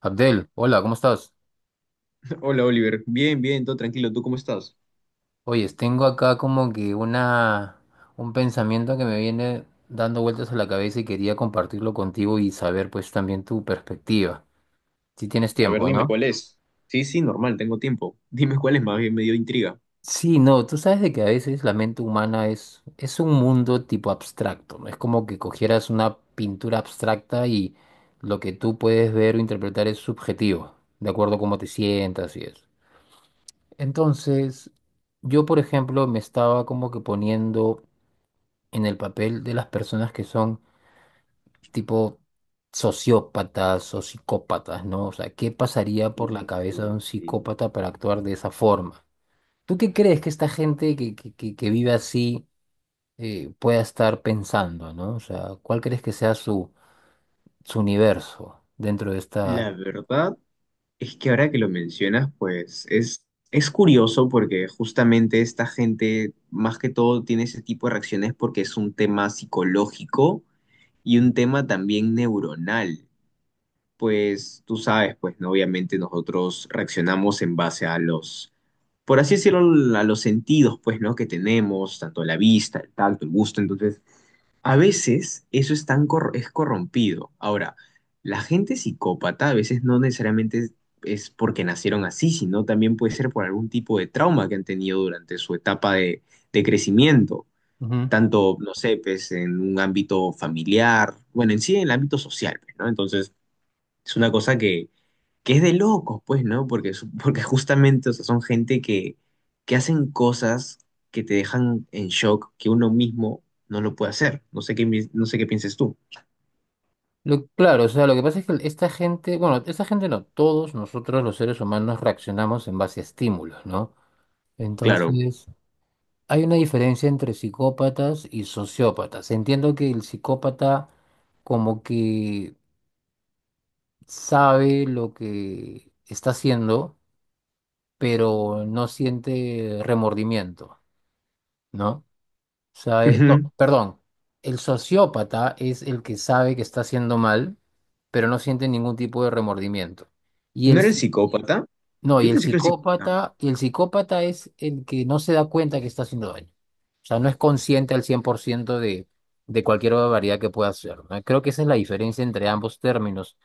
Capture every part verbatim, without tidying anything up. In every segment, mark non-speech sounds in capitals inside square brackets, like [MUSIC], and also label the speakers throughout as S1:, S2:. S1: Abdel, hola, ¿cómo estás?
S2: Hola Oliver, bien, bien, todo tranquilo, ¿tú cómo estás?
S1: Oyes, tengo acá como que una, un pensamiento que me viene dando vueltas a la cabeza y quería compartirlo contigo y saber pues también tu perspectiva. Si tienes
S2: A ver,
S1: tiempo,
S2: dime
S1: ¿no?
S2: cuál es. Sí, sí, normal, tengo tiempo. Dime cuál es, más bien me dio intriga.
S1: Sí, no, tú sabes de que a veces la mente humana es, es un mundo tipo abstracto, ¿no? Es como que cogieras una pintura abstracta y lo que tú puedes ver o interpretar es subjetivo, de acuerdo a cómo te sientas y eso. Entonces, yo por ejemplo me estaba como que poniendo en el papel de las personas que son tipo sociópatas o psicópatas, ¿no? O sea, ¿qué pasaría por la cabeza de
S2: Uy,
S1: un
S2: sí.
S1: psicópata para actuar de esa forma? ¿Tú qué crees que esta gente que, que, que- que vive así eh, pueda estar pensando, ¿no? O sea, ¿cuál crees que sea su, su universo dentro de esta...?
S2: La verdad es que ahora que lo mencionas, pues es, es curioso porque justamente esta gente más que todo tiene ese tipo de reacciones porque es un tema psicológico y un tema también neuronal. Pues tú sabes, pues, ¿no? Obviamente nosotros reaccionamos en base a los por así decirlo, a los sentidos, pues, ¿no? Que tenemos, tanto la vista, el tacto, el gusto. Entonces, a veces eso es tan cor- es corrompido. Ahora, la gente psicópata a veces no necesariamente es, es porque nacieron así, sino también puede ser por algún tipo de trauma que han tenido durante su etapa de, de crecimiento.
S1: Ujú.
S2: Tanto, no sé, pues, en un ámbito familiar, bueno, en sí, en el ámbito social, pues, ¿no? Entonces, es una cosa que, que es de locos, pues, ¿no? Porque, su- porque justamente, o sea, son gente que, que hacen cosas que te dejan en shock, que uno mismo no lo puede hacer. No sé qué, mi- no sé qué pienses tú.
S1: Lo- claro, o sea, lo que pasa es que esta gente, bueno, esta gente no, todos nosotros los seres humanos reaccionamos en base a estímulos, ¿no?
S2: Claro.
S1: Entonces, hay una diferencia entre psicópatas y sociópatas. Entiendo que el psicópata como que sabe lo que está haciendo, pero no siente remordimiento, ¿no? Sabe, no,
S2: Ujú.
S1: perdón. El sociópata es el que sabe que está haciendo mal, pero no siente ningún tipo de remordimiento. Y
S2: ¿No
S1: el...
S2: era el psicópata?
S1: No, y
S2: Yo
S1: el
S2: pensé que era el psicópata.
S1: psicópata, y el psicópata es el que no se da cuenta que está haciendo daño. O sea, no es consciente al cien por ciento de, de cualquier barbaridad que pueda hacer, ¿no? Creo que esa es la diferencia entre ambos términos.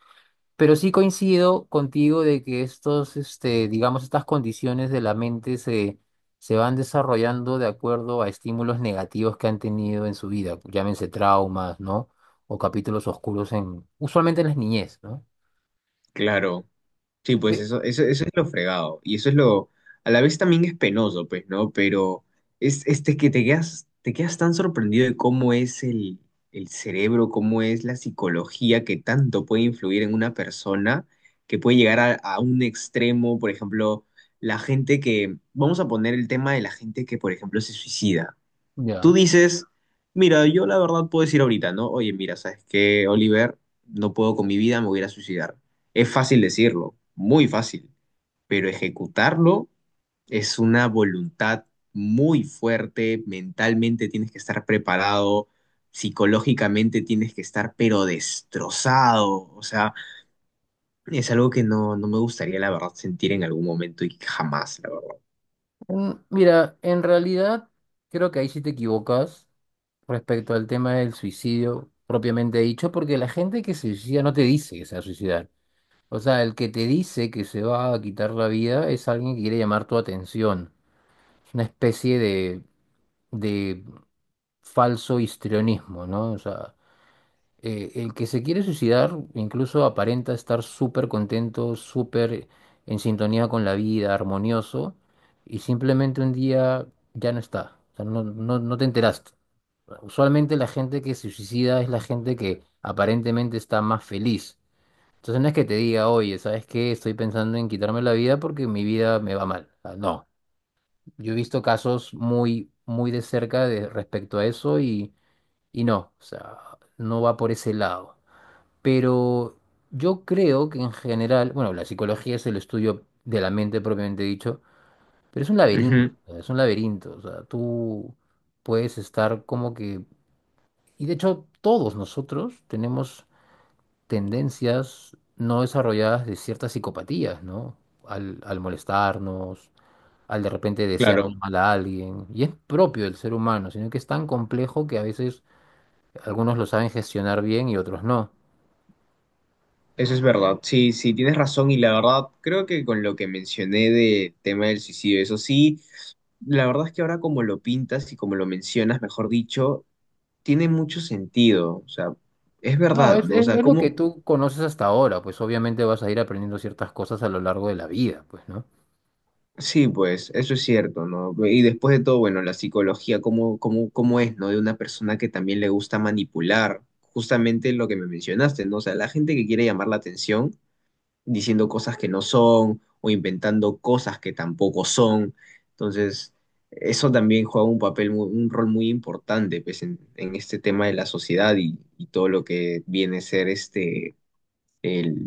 S1: Pero sí coincido contigo de que estos, este, digamos, estas condiciones de la mente se, se van desarrollando de acuerdo a estímulos negativos que han tenido en su vida, llámense traumas, ¿no? O capítulos oscuros en, usualmente en las niñez, ¿no?
S2: Claro. Sí, pues
S1: Sí.
S2: eso, eso, eso es lo fregado. Y eso es lo, a la vez también es penoso, pues, ¿no? Pero es este que te quedas, te quedas tan sorprendido de cómo es el, el cerebro, cómo es la psicología que tanto puede influir en una persona, que puede llegar a, a un extremo, por ejemplo, la gente que, vamos a poner el tema de la gente que, por ejemplo, se suicida. Tú
S1: Ya.
S2: dices, mira, yo la verdad puedo decir ahorita, ¿no? Oye, mira, ¿sabes qué, Oliver? No puedo con mi vida, me voy a ir a suicidar. Es fácil decirlo, muy fácil, pero ejecutarlo es una voluntad muy fuerte, mentalmente tienes que estar preparado, psicológicamente tienes que estar pero destrozado, o sea, es algo que no, no me gustaría, la verdad, sentir en algún momento y jamás, la verdad.
S1: Mm, Mira, en realidad creo que ahí sí te equivocas respecto al tema del suicidio propiamente dicho, porque la gente que se suicida no te dice que se va a suicidar. O sea, el que te dice que se va a quitar la vida es alguien que quiere llamar tu atención. Es una especie de, de falso histrionismo, ¿no? O sea, eh, el que se quiere suicidar incluso aparenta estar súper contento, súper en sintonía con la vida, armonioso, y simplemente un día ya no está, o sea, no, no, no te enteraste. Usualmente la gente que se suicida es la gente que aparentemente está más feliz. Entonces no es que te diga, oye, ¿sabes qué? Estoy pensando en quitarme la vida porque mi vida me va mal. O sea, no, yo he visto casos muy, muy de cerca de, respecto a eso y, y no, o sea, no va por ese lado. Pero yo creo que en general, bueno, la psicología es el estudio de la mente propiamente dicho, pero es un laberinto,
S2: Ujú,
S1: o sea, es un laberinto, o sea, tú puedes estar como que, y de hecho todos nosotros tenemos tendencias no desarrolladas de ciertas psicopatías, ¿no? Al, al molestarnos, al de repente desear
S2: claro.
S1: mal a alguien, y es propio del ser humano, sino que es tan complejo que a veces algunos lo saben gestionar bien y otros no.
S2: Eso es verdad, sí, sí, tienes razón y la verdad creo que con lo que mencioné del tema del suicidio, eso sí, la verdad es que ahora como lo pintas y como lo mencionas, mejor dicho, tiene mucho sentido, o sea, es
S1: No,
S2: verdad,
S1: es,
S2: ¿no? O
S1: es,
S2: sea,
S1: es lo que
S2: como,
S1: tú conoces hasta ahora, pues obviamente vas a ir aprendiendo ciertas cosas a lo largo de la vida, pues, ¿no?
S2: sí, pues, eso es cierto, ¿no? Y después de todo, bueno, la psicología, ¿cómo, cómo, cómo es, ¿no? De una persona que también le gusta manipular, justamente lo que me mencionaste, ¿no? O sea, la gente que quiere llamar la atención diciendo cosas que no son o inventando cosas que tampoco son. Entonces, eso también juega un papel, mu- un rol muy importante pues, en, en este tema de la sociedad y, y todo lo que viene a ser este, el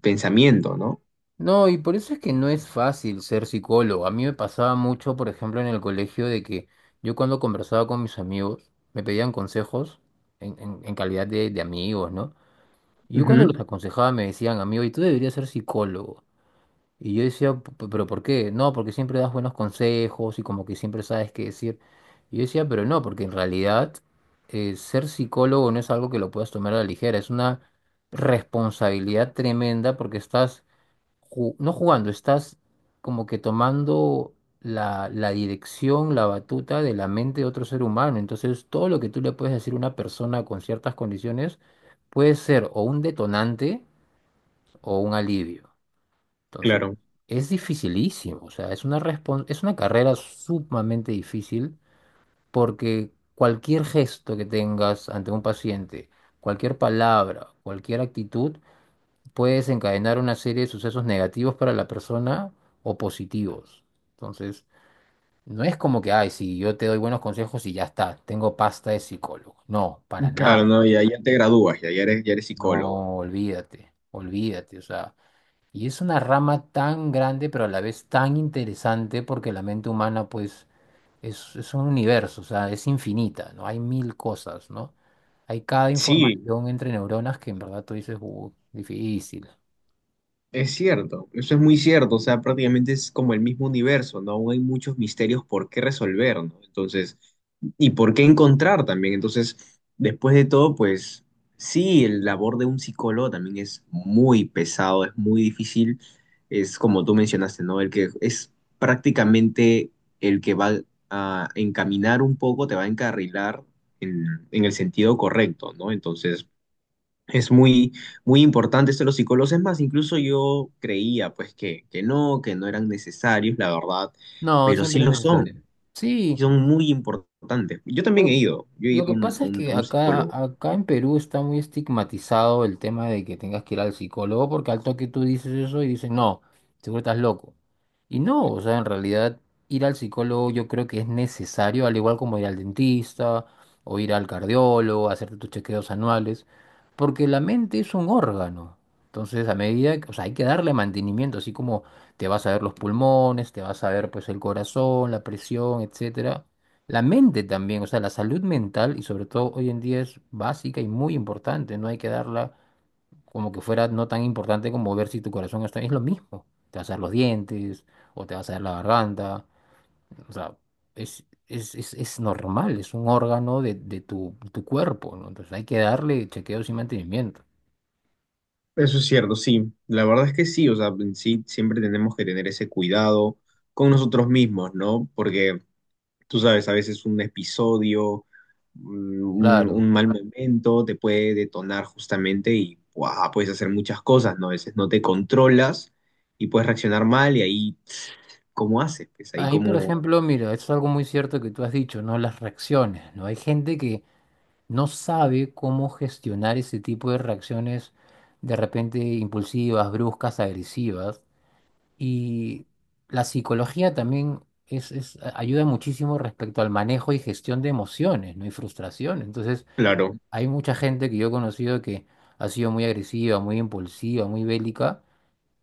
S2: pensamiento, ¿no?
S1: No, y por eso es que no es fácil ser psicólogo. A mí me pasaba mucho, por ejemplo, en el colegio de que yo cuando conversaba con mis amigos, me pedían consejos en, en- en calidad de, de amigos, ¿no? Y yo cuando
S2: Ujú,
S1: los aconsejaba me decían, amigo, y tú deberías ser psicólogo. Y yo decía, "P- p- Pero ¿por qué?" No, porque siempre das buenos consejos y como que siempre sabes qué decir. Y yo decía, pero no, porque en realidad eh, ser psicólogo no es algo que lo puedas tomar a la ligera, es una responsabilidad tremenda porque estás, ju- no jugando, estás como que tomando la, la dirección, la batuta de la mente de otro ser humano. Entonces, todo lo que tú le puedes decir a una persona con ciertas condiciones puede ser o un detonante o un alivio. Entonces,
S2: claro.
S1: es dificilísimo, o sea, es una respon- es una carrera sumamente difícil porque cualquier gesto que tengas ante un paciente, cualquier palabra, cualquier actitud, puede desencadenar una serie de sucesos negativos para la persona o positivos. Entonces, no es como que, ay, si yo te doy buenos consejos y ya está, tengo pasta de psicólogo. No, para
S2: Claro,
S1: nada.
S2: no, ya, ya te gradúas, ya, ya eres, ya eres psicólogo.
S1: No, olvídate, olvídate, o sea. Y es una rama tan grande, pero a la vez tan interesante, porque la mente humana, pues, es, es un universo, o sea, es infinita, ¿no? Hay mil cosas, ¿no? Hay cada
S2: Sí,
S1: información entre neuronas que en verdad tú dices, uh, difícil.
S2: es cierto, eso es muy cierto, o sea, prácticamente es como el mismo universo, ¿no? Aún hay muchos misterios por qué resolver, ¿no? Entonces, y por qué encontrar también. Entonces, después de todo, pues sí, el labor de un psicólogo también es muy pesado, es muy difícil, es como tú mencionaste, ¿no? El que es prácticamente el que va a encaminar un poco, te va a encarrilar en, en el sentido correcto, ¿no? Entonces... Es muy, muy importante esto de los psicólogos. Es más, incluso yo creía pues que, que no, que no eran necesarios, la verdad,
S1: No,
S2: pero sí
S1: siempre es
S2: lo son,
S1: necesario.
S2: y
S1: Sí,
S2: son muy importantes. Yo también he
S1: Lo
S2: ido, yo he ido
S1: lo
S2: a
S1: que
S2: un, a
S1: pasa es
S2: un- a
S1: que
S2: un
S1: acá,
S2: psicólogo.
S1: acá en Perú está muy estigmatizado el tema de que tengas que ir al psicólogo, porque al toque tú dices eso y dicen, no, seguro estás loco. Y no, o sea, en realidad ir al psicólogo yo creo que es necesario, al igual como ir al dentista o ir al cardiólogo, hacerte tus chequeos anuales, porque la mente es un órgano. Entonces, a medida, que- o sea, hay que darle mantenimiento, así como te vas a ver los pulmones, te vas a ver pues el corazón, la presión, etcétera. La mente también, o sea, la salud mental y sobre todo hoy en día es básica y muy importante, no hay que darla como que fuera no tan importante como ver si tu corazón está bien, es lo mismo, te vas a dar los dientes o te vas a dar la garganta, o sea, es, es, es, es normal, es un órgano de, de tu, tu cuerpo, ¿no? Entonces hay que darle chequeos y mantenimiento.
S2: Eso es cierto, sí, la verdad es que sí, o sea, sí, siempre tenemos que tener ese cuidado con nosotros mismos, ¿no? Porque tú sabes, a veces un episodio, mm, un,
S1: Claro.
S2: un mal momento te puede detonar justamente y ¡guau! Puedes hacer muchas cosas, ¿no? A veces no te controlas y puedes reaccionar mal y ahí, ¿cómo haces? Pues ahí
S1: Ahí, por
S2: como,
S1: ejemplo, mira, esto es algo muy cierto que tú has dicho, ¿no? Las reacciones, ¿no? Hay gente que no sabe cómo gestionar ese tipo de reacciones de repente impulsivas, bruscas, agresivas. Y la psicología también es, es- ayuda muchísimo respecto al manejo y gestión de emociones, ¿no? Y frustración. Entonces,
S2: claro.
S1: hay mucha gente que yo he conocido que ha sido muy agresiva, muy impulsiva, muy bélica,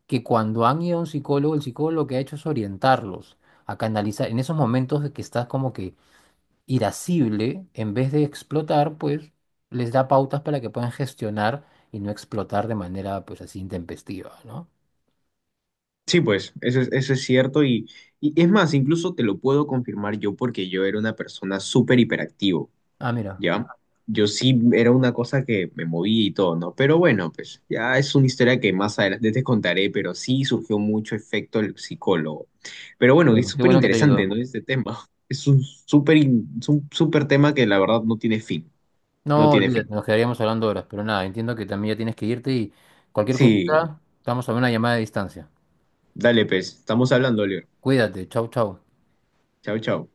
S1: que cuando han ido a un psicólogo, el psicólogo lo que ha hecho es orientarlos a canalizar en esos momentos de que estás como que irascible, en vez de explotar, pues les da pautas para que puedan gestionar y no explotar de manera pues así intempestiva, ¿no?
S2: Sí, pues, eso es, eso es cierto y, y es más, incluso te lo puedo confirmar yo porque yo era una persona súper hiperactivo.
S1: Ah, mira,
S2: ¿Ya? Yo sí era una cosa que me movía y todo, ¿no? Pero bueno, pues ya es una historia que más adelante te contaré, pero sí surgió mucho efecto el psicólogo. Pero bueno, es
S1: bueno, qué
S2: súper
S1: bueno que te
S2: interesante,
S1: ayudó.
S2: ¿no? Este tema. [LAUGHS] Es un súper in- es un súper tema que la verdad no tiene fin, no
S1: No,
S2: tiene fin.
S1: olvídate, nos quedaríamos hablando horas, pero nada, entiendo que también ya tienes que irte y cualquier
S2: Sí,
S1: cosita, estamos a una llamada de distancia.
S2: dale, pues, estamos hablando, Leo.
S1: Cuídate, chau, chau.
S2: Chao, chao.